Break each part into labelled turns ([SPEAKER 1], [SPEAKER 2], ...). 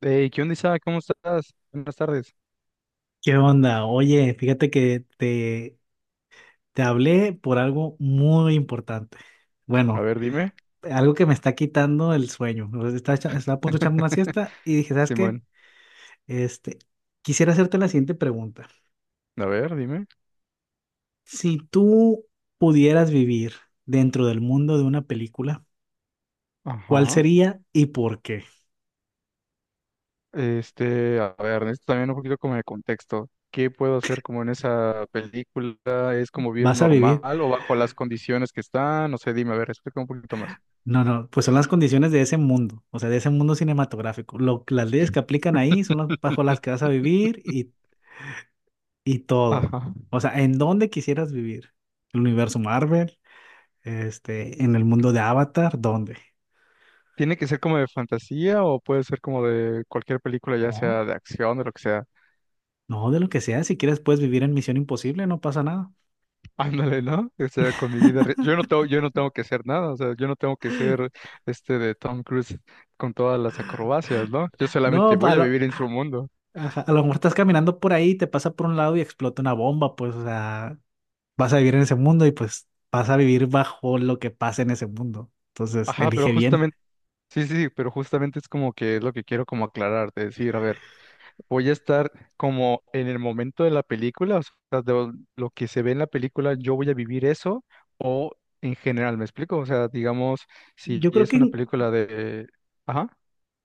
[SPEAKER 1] Hey, ¿qué onda, Isaac? ¿Cómo estás? Buenas tardes.
[SPEAKER 2] ¿Qué onda? Oye, fíjate que te hablé por algo muy importante.
[SPEAKER 1] A
[SPEAKER 2] Bueno,
[SPEAKER 1] ver, dime.
[SPEAKER 2] algo que me está quitando el sueño. O sea, estaba, estaba a punto de echarme una siesta y dije, ¿sabes qué?
[SPEAKER 1] Simón,
[SPEAKER 2] Este, quisiera hacerte la siguiente pregunta.
[SPEAKER 1] a ver, dime.
[SPEAKER 2] Si tú pudieras vivir dentro del mundo de una película, ¿cuál
[SPEAKER 1] Ajá.
[SPEAKER 2] sería y por qué?
[SPEAKER 1] Este, a ver, necesito también un poquito como de contexto. ¿Qué puedo hacer como en esa película? ¿Es como vivir
[SPEAKER 2] ¿Vas a vivir?
[SPEAKER 1] normal o bajo las condiciones que están? No sé, dime, a ver, explica un poquito más.
[SPEAKER 2] No, no, pues son las condiciones de ese mundo, o sea, de ese mundo cinematográfico. Las leyes que aplican ahí son las bajo las que vas a vivir y todo.
[SPEAKER 1] Ajá.
[SPEAKER 2] O sea, ¿en dónde quisieras vivir? ¿El universo Marvel? ¿En el mundo de Avatar? ¿Dónde?
[SPEAKER 1] ¿Tiene que ser como de fantasía o puede ser como de cualquier película, ya
[SPEAKER 2] No,
[SPEAKER 1] sea de acción, de lo que sea?
[SPEAKER 2] no, de lo que sea. Si quieres, puedes vivir en Misión Imposible, no pasa nada.
[SPEAKER 1] Ándale, ¿no? O sea, con mi vida, yo no tengo que hacer nada, o sea, yo no tengo que ser este de Tom Cruise con todas las acrobacias, ¿no? Yo
[SPEAKER 2] No,
[SPEAKER 1] solamente
[SPEAKER 2] a
[SPEAKER 1] voy a
[SPEAKER 2] lo,
[SPEAKER 1] vivir en su mundo.
[SPEAKER 2] ajá, a lo mejor estás caminando por ahí, te pasa por un lado y explota una bomba, pues, o sea, vas a vivir en ese mundo y pues vas a vivir bajo lo que pasa en ese mundo. Entonces,
[SPEAKER 1] Ajá, pero
[SPEAKER 2] elige bien.
[SPEAKER 1] justamente, sí, sí, sí, pero justamente es como que es lo que quiero como aclarar, de decir, a ver, voy a estar como en el momento de la película, o sea, de lo que se ve en la película, yo voy a vivir eso, o en general, ¿me explico? O sea, digamos, si
[SPEAKER 2] Yo creo
[SPEAKER 1] es
[SPEAKER 2] que
[SPEAKER 1] una
[SPEAKER 2] en-
[SPEAKER 1] película de, ajá,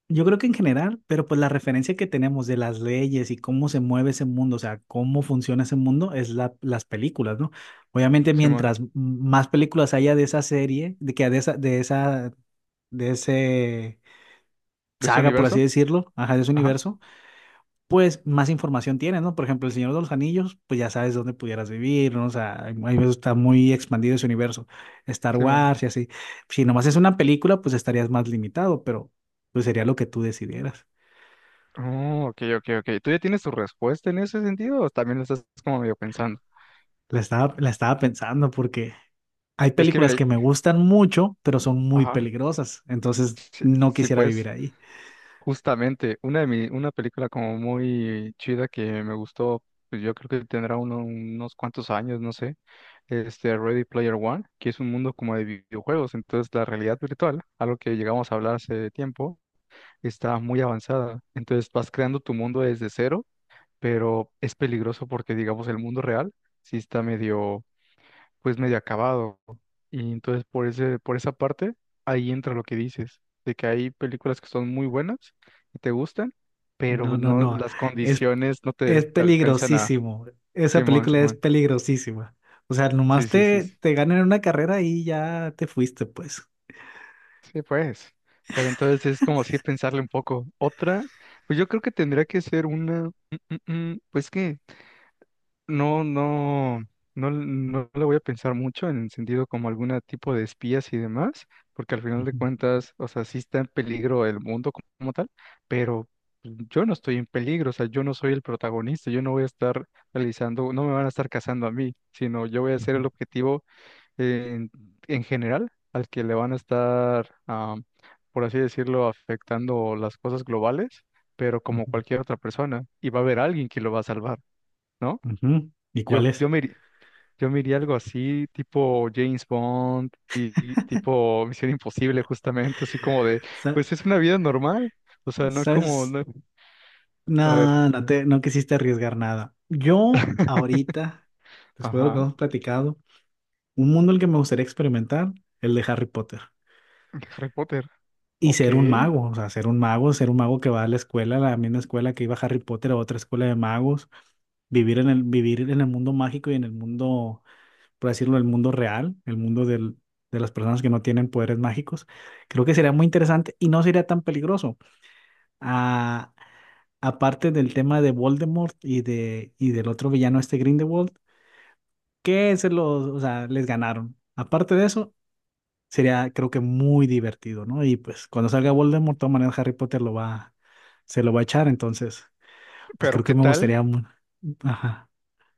[SPEAKER 2] Yo creo que en general, pero pues la referencia que tenemos de las leyes y cómo se mueve ese mundo, o sea, cómo funciona ese mundo, es las películas, ¿no? Obviamente,
[SPEAKER 1] Simón,
[SPEAKER 2] mientras más películas haya de esa serie, de que de esa, de esa, de ese
[SPEAKER 1] de ese
[SPEAKER 2] saga, por así
[SPEAKER 1] universo,
[SPEAKER 2] decirlo, ajá, de ese
[SPEAKER 1] ajá,
[SPEAKER 2] universo, pues más información tienes, ¿no? Por ejemplo, El Señor de los Anillos, pues ya sabes dónde pudieras vivir, ¿no? O sea, hay veces está muy expandido ese universo. Star
[SPEAKER 1] Simón.
[SPEAKER 2] Wars y así. Si nomás es una película, pues estarías más limitado, pero pues sería lo que tú decidieras.
[SPEAKER 1] Oh, ok, ok, ok. ¿Tú ya tienes tu respuesta en ese sentido o también lo estás como medio pensando?
[SPEAKER 2] La estaba pensando porque hay
[SPEAKER 1] Es que mira,
[SPEAKER 2] películas que me gustan mucho, pero son muy
[SPEAKER 1] ajá,
[SPEAKER 2] peligrosas. Entonces no
[SPEAKER 1] sí,
[SPEAKER 2] quisiera vivir
[SPEAKER 1] pues,
[SPEAKER 2] ahí.
[SPEAKER 1] justamente, una película como muy chida que me gustó, pues yo creo que tendrá unos cuantos años, no sé, este Ready Player One, que es un mundo como de videojuegos, entonces la realidad virtual, algo que llegamos a hablar hace tiempo, está muy avanzada. Entonces vas creando tu mundo desde cero, pero es peligroso porque digamos el mundo real sí está medio pues medio acabado. Y entonces por esa parte, ahí entra lo que dices, de que hay películas que son muy buenas y te gustan, pero
[SPEAKER 2] No, no,
[SPEAKER 1] no,
[SPEAKER 2] no.
[SPEAKER 1] las
[SPEAKER 2] Es,
[SPEAKER 1] condiciones no
[SPEAKER 2] es
[SPEAKER 1] te alcanzan a.
[SPEAKER 2] peligrosísimo. Esa
[SPEAKER 1] Simón,
[SPEAKER 2] película es
[SPEAKER 1] Simón.
[SPEAKER 2] peligrosísima. O sea,
[SPEAKER 1] Sí, sí, sí, sí.
[SPEAKER 2] te ganan una carrera y ya te fuiste, pues.
[SPEAKER 1] Sí, pues. Pero entonces es como si pensarle un poco. Otra, pues yo creo que tendría que ser una, pues que. No, no, no, no le voy a pensar mucho en el sentido como algún tipo de espías y demás, porque al final de
[SPEAKER 2] Ujú,
[SPEAKER 1] cuentas, o sea, sí está en peligro el mundo como tal, pero yo no estoy en peligro, o sea, yo no soy el protagonista, yo no voy a estar realizando, no me van a estar cazando a mí, sino yo voy a ser
[SPEAKER 2] ujú,
[SPEAKER 1] el objetivo en, en general al que le van a estar, ah, por así decirlo, afectando las cosas globales, pero como
[SPEAKER 2] ujú,
[SPEAKER 1] cualquier otra persona, y va a haber alguien que lo va a salvar, ¿no?
[SPEAKER 2] ujú. ¿Y cuál
[SPEAKER 1] Yo,
[SPEAKER 2] es?
[SPEAKER 1] yo me, iri- yo me iría algo así, tipo James Bond y, tipo Misión Imposible, justamente, así como de,
[SPEAKER 2] Sa-
[SPEAKER 1] pues es una vida normal, o sea, no como,
[SPEAKER 2] ¿Sabes?
[SPEAKER 1] a ver.
[SPEAKER 2] No quisiste arriesgar nada. Yo ahorita, después de lo que
[SPEAKER 1] Ajá.
[SPEAKER 2] hemos platicado, un mundo en el que me gustaría experimentar, el de Harry Potter.
[SPEAKER 1] Harry Potter.
[SPEAKER 2] Y
[SPEAKER 1] Ok,
[SPEAKER 2] ser un mago, o sea, ser un mago que va a la escuela, a la misma escuela que iba Harry Potter, a otra escuela de magos, vivir en el mundo mágico y en el mundo, por decirlo, el mundo real, el mundo de las personas que no tienen poderes mágicos. Creo que sería muy interesante y no sería tan peligroso. Ah, aparte del tema de Voldemort y del otro villano este Grindelwald, que se los, o sea, les ganaron. Aparte de eso, sería, creo que, muy divertido, ¿no? Y pues cuando salga Voldemort, de todas maneras Harry Potter lo va se lo va a echar, entonces, pues
[SPEAKER 1] pero
[SPEAKER 2] creo que
[SPEAKER 1] ¿qué
[SPEAKER 2] me
[SPEAKER 1] tal?
[SPEAKER 2] gustaría ajá.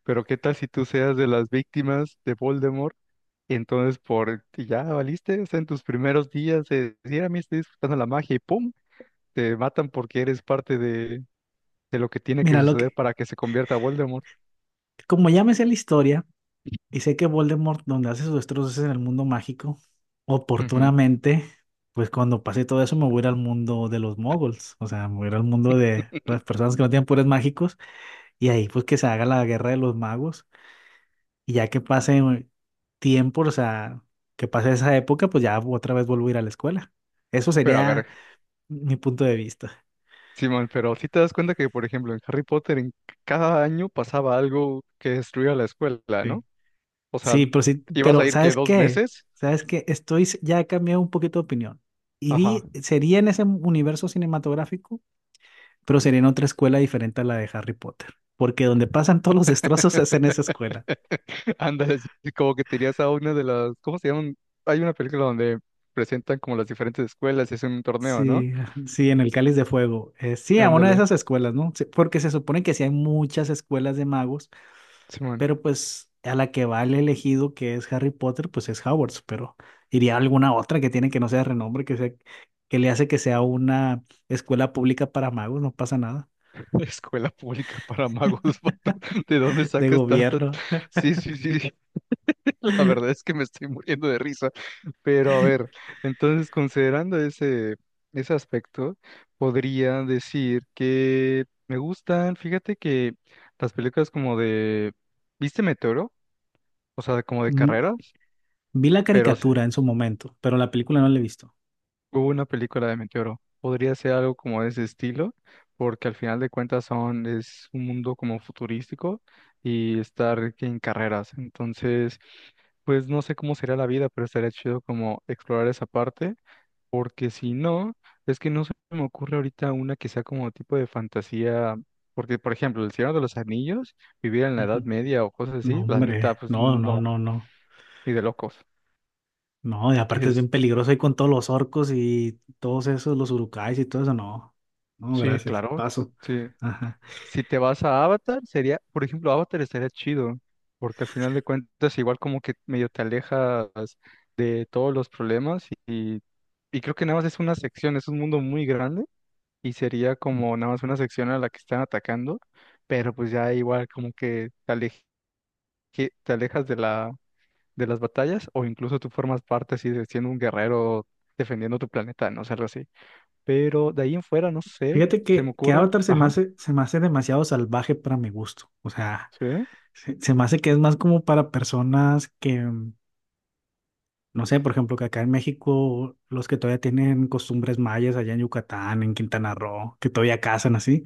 [SPEAKER 1] Pero ¿qué tal si tú seas de las víctimas de Voldemort? Entonces, y ya valiste, o sea, en tus primeros días de decir, a mí estoy disfrutando la magia y ¡pum! Te matan porque eres parte de lo que tiene que
[SPEAKER 2] Mira, lo
[SPEAKER 1] suceder
[SPEAKER 2] que,
[SPEAKER 1] para que se convierta a Voldemort.
[SPEAKER 2] como ya me sé la historia y sé que Voldemort donde hace sus destrozos es en el mundo mágico,
[SPEAKER 1] Ujú.
[SPEAKER 2] oportunamente, pues cuando pase todo eso me voy a ir al mundo de los moguls, o sea, me voy a ir al mundo de las personas que no tienen poderes mágicos. Y ahí pues que se haga la guerra de los magos y ya que pase tiempo, o sea, que pase esa época, pues ya otra vez vuelvo a ir a la escuela. Eso
[SPEAKER 1] Pero a
[SPEAKER 2] sería
[SPEAKER 1] ver,
[SPEAKER 2] mi punto de vista.
[SPEAKER 1] Simón, pero si te das cuenta que, por ejemplo, en Harry Potter en cada año pasaba algo que destruía la escuela,
[SPEAKER 2] Sí.
[SPEAKER 1] ¿no? O sea,
[SPEAKER 2] Sí,
[SPEAKER 1] ibas a
[SPEAKER 2] pero
[SPEAKER 1] ir que
[SPEAKER 2] ¿sabes
[SPEAKER 1] dos
[SPEAKER 2] qué?
[SPEAKER 1] meses.
[SPEAKER 2] ¿Sabes qué? Ya he cambiado un poquito de opinión.
[SPEAKER 1] Ajá.
[SPEAKER 2] Sería en ese universo cinematográfico, pero sería en otra escuela diferente a la de Harry Potter, porque donde pasan todos los destrozos es en esa escuela.
[SPEAKER 1] Ándale, sí, como que tenías a una de las, ¿cómo se llaman? Hay una película donde presentan como las diferentes escuelas y hacen un torneo, ¿no?
[SPEAKER 2] Sí, ajá, sí, en el Cáliz de Fuego. Sí, a una de
[SPEAKER 1] Ándale,
[SPEAKER 2] esas escuelas, ¿no? Sí, porque se supone que sí hay muchas escuelas de magos,
[SPEAKER 1] Simón,
[SPEAKER 2] pero pues a la que va el elegido, que es Harry Potter, pues es Hogwarts, pero iría a alguna otra que tiene, que no sea de renombre, que sea, que le hace que sea una escuela pública para magos, no pasa nada,
[SPEAKER 1] escuela pública para magos, vato, ¿de dónde
[SPEAKER 2] de
[SPEAKER 1] sacas tantas?
[SPEAKER 2] gobierno.
[SPEAKER 1] Sí, sí, sí, la verdad es que me estoy muriendo de risa, pero a ver, entonces considerando ese aspecto, podría decir que me gustan, fíjate que las películas como de, ¿viste Meteoro? O sea, como de
[SPEAKER 2] Mm,
[SPEAKER 1] carreras,
[SPEAKER 2] vi la
[SPEAKER 1] pero sí,
[SPEAKER 2] caricatura en su momento, pero la película no la he visto.
[SPEAKER 1] hubo una película de Meteoro. Podría ser algo como de ese estilo, porque al final de cuentas es un mundo como futurístico y estar en carreras. Entonces, pues no sé cómo sería la vida, pero estaría chido como explorar esa parte. Porque si no, es que no se me ocurre ahorita una que sea como tipo de fantasía, porque por ejemplo, El Señor de los Anillos, vivir en la Edad
[SPEAKER 2] Ujú.
[SPEAKER 1] Media o cosas
[SPEAKER 2] No,
[SPEAKER 1] así, la neta,
[SPEAKER 2] hombre,
[SPEAKER 1] pues
[SPEAKER 2] no, no,
[SPEAKER 1] no,
[SPEAKER 2] no, no.
[SPEAKER 1] y de locos.
[SPEAKER 2] No, y aparte es
[SPEAKER 1] Es,
[SPEAKER 2] bien peligroso ahí con todos los orcos y todos esos, los urukais y todo eso. No, no,
[SPEAKER 1] sí,
[SPEAKER 2] gracias.
[SPEAKER 1] claro,
[SPEAKER 2] Paso.
[SPEAKER 1] sí.
[SPEAKER 2] Ajá.
[SPEAKER 1] Si te vas a Avatar, sería, por ejemplo, Avatar estaría chido, porque al final de cuentas igual como que medio te alejas de todos los problemas y, creo que nada más es una sección, es un mundo muy grande y sería
[SPEAKER 2] Mm.
[SPEAKER 1] como nada más una sección a la que están atacando, pero pues ya igual como que te alejas de las batallas o incluso tú formas parte así de siendo un guerrero defendiendo tu planeta, no sé, algo así. Pero de ahí en fuera, no sé,
[SPEAKER 2] Fíjate
[SPEAKER 1] se me
[SPEAKER 2] que
[SPEAKER 1] ocurre,
[SPEAKER 2] Avatar
[SPEAKER 1] ajá,
[SPEAKER 2] se me hace demasiado salvaje para mi gusto. O sea,
[SPEAKER 1] sí.
[SPEAKER 2] se me hace que es más como para personas que, mm, no sé, por ejemplo, que acá en México, los que todavía tienen costumbres mayas allá en Yucatán, en Quintana Roo, que todavía cazan así.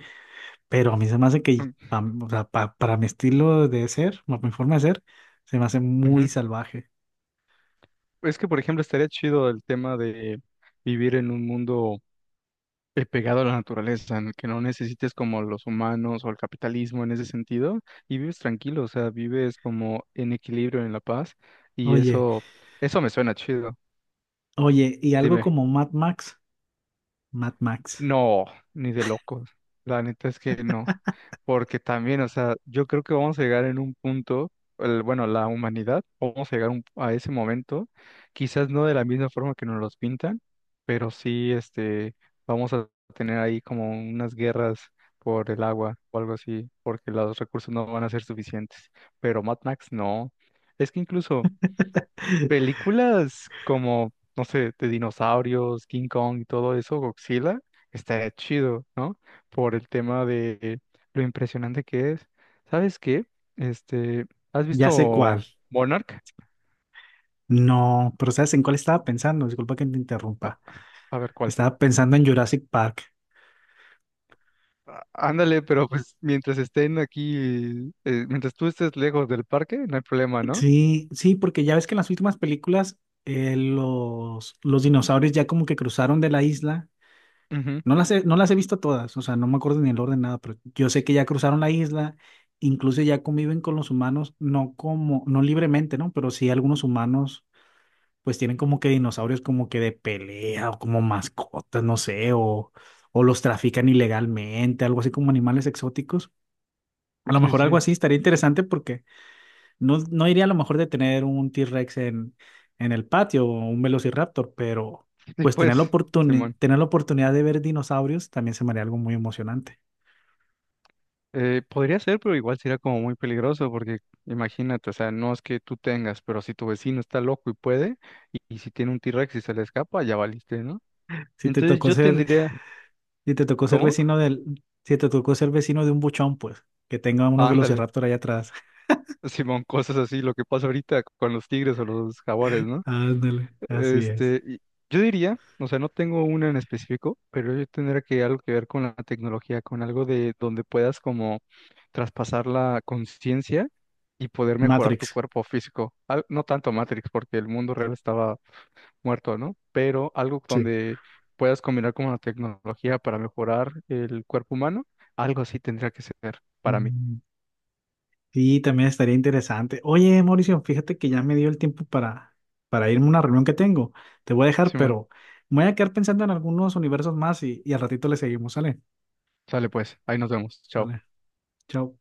[SPEAKER 2] Pero a mí se me hace que,
[SPEAKER 1] Mm,
[SPEAKER 2] pam, o sea, para mi estilo de ser, para mi forma de ser, se me hace muy
[SPEAKER 1] ujú.
[SPEAKER 2] salvaje.
[SPEAKER 1] Es que, por ejemplo, estaría chido el tema de vivir en un mundo pegado a la naturaleza, en el que no necesites como los humanos o el capitalismo en ese sentido, y vives tranquilo, o sea, vives como en equilibrio, en la paz, y
[SPEAKER 2] Oye.
[SPEAKER 1] eso me suena chido.
[SPEAKER 2] Oye, y algo
[SPEAKER 1] Dime.
[SPEAKER 2] como Mad Max, Mad Max,
[SPEAKER 1] No, ni de locos. La neta es que no. Porque también, o sea, yo creo que vamos a llegar en un punto, bueno, la humanidad, vamos a llegar a ese momento, quizás no de la misma forma que nos los pintan, pero sí, este, vamos a tener ahí como unas guerras por el agua o algo así, porque los recursos no van a ser suficientes. Pero Mad Max no. Es que incluso. Películas como, no sé, de dinosaurios, King Kong y todo eso, Godzilla, estaría chido, ¿no? Por el tema de lo impresionante que es. ¿Sabes qué? Este, ¿has
[SPEAKER 2] ya sé
[SPEAKER 1] visto
[SPEAKER 2] cuál.
[SPEAKER 1] Monarch?
[SPEAKER 2] No, pero ¿sabes en cuál estaba pensando? Disculpa que te
[SPEAKER 1] A,
[SPEAKER 2] interrumpa.
[SPEAKER 1] a ver cuál.
[SPEAKER 2] Estaba pensando en Jurassic Park.
[SPEAKER 1] Ándale, pero pues mientras estén aquí, mientras tú estés lejos del parque, no hay problema, ¿no?
[SPEAKER 2] Sí, sí, porque ya ves que en las últimas películas los dinosaurios ya como que cruzaron de la isla.
[SPEAKER 1] Ujú.
[SPEAKER 2] No las he visto todas, o sea, no me acuerdo ni el orden, nada, pero yo sé que ya cruzaron la isla, incluso ya conviven con los humanos, no como, no libremente, ¿no? Pero sí algunos humanos pues tienen como que dinosaurios como que de pelea o como mascotas, no sé, o los trafican ilegalmente, algo así como animales exóticos. A lo
[SPEAKER 1] Sí,
[SPEAKER 2] mejor algo
[SPEAKER 1] sí.
[SPEAKER 2] así estaría interesante, porque no, no iría a lo mejor de tener un T-Rex en el patio o un Velociraptor, pero
[SPEAKER 1] Y
[SPEAKER 2] pues tener
[SPEAKER 1] pues, Simón.
[SPEAKER 2] tener la oportunidad de ver dinosaurios también se me haría algo muy emocionante.
[SPEAKER 1] Podría ser, pero igual sería como muy peligroso, porque imagínate, o sea, no es que tú tengas, pero si tu vecino está loco y puede, y si tiene un T-Rex y se le escapa, ya valiste, ¿no?
[SPEAKER 2] Si te
[SPEAKER 1] Entonces
[SPEAKER 2] tocó
[SPEAKER 1] yo
[SPEAKER 2] ser,
[SPEAKER 1] tendría,
[SPEAKER 2] si te tocó ser
[SPEAKER 1] ¿cómo?
[SPEAKER 2] vecino del, si te tocó ser vecino de un buchón, pues que tenga unos
[SPEAKER 1] Ándale,
[SPEAKER 2] Velociraptor ahí atrás.
[SPEAKER 1] Simón, cosas así, lo que pasa ahorita con los tigres o los jaguares, ¿no?
[SPEAKER 2] Ándale, así es.
[SPEAKER 1] Este, y yo diría, o sea, no tengo una en específico, pero yo tendría que algo que ver con la tecnología, con algo de donde puedas como traspasar la conciencia y poder mejorar tu
[SPEAKER 2] Matrix.
[SPEAKER 1] cuerpo físico. No tanto Matrix, porque el mundo real estaba muerto, ¿no? Pero algo
[SPEAKER 2] Sí.
[SPEAKER 1] donde puedas combinar como la tecnología para mejorar el cuerpo humano, algo así tendría que ser para mí.
[SPEAKER 2] Mm, sí, también estaría interesante. Oye, Mauricio, fíjate que ya me dio el tiempo para irme a una reunión que tengo. Te voy a dejar,
[SPEAKER 1] Simón,
[SPEAKER 2] pero me voy a quedar pensando en algunos universos más y al ratito le seguimos. Sale,
[SPEAKER 1] sale pues, ahí nos vemos. Chao.
[SPEAKER 2] sale. Chao.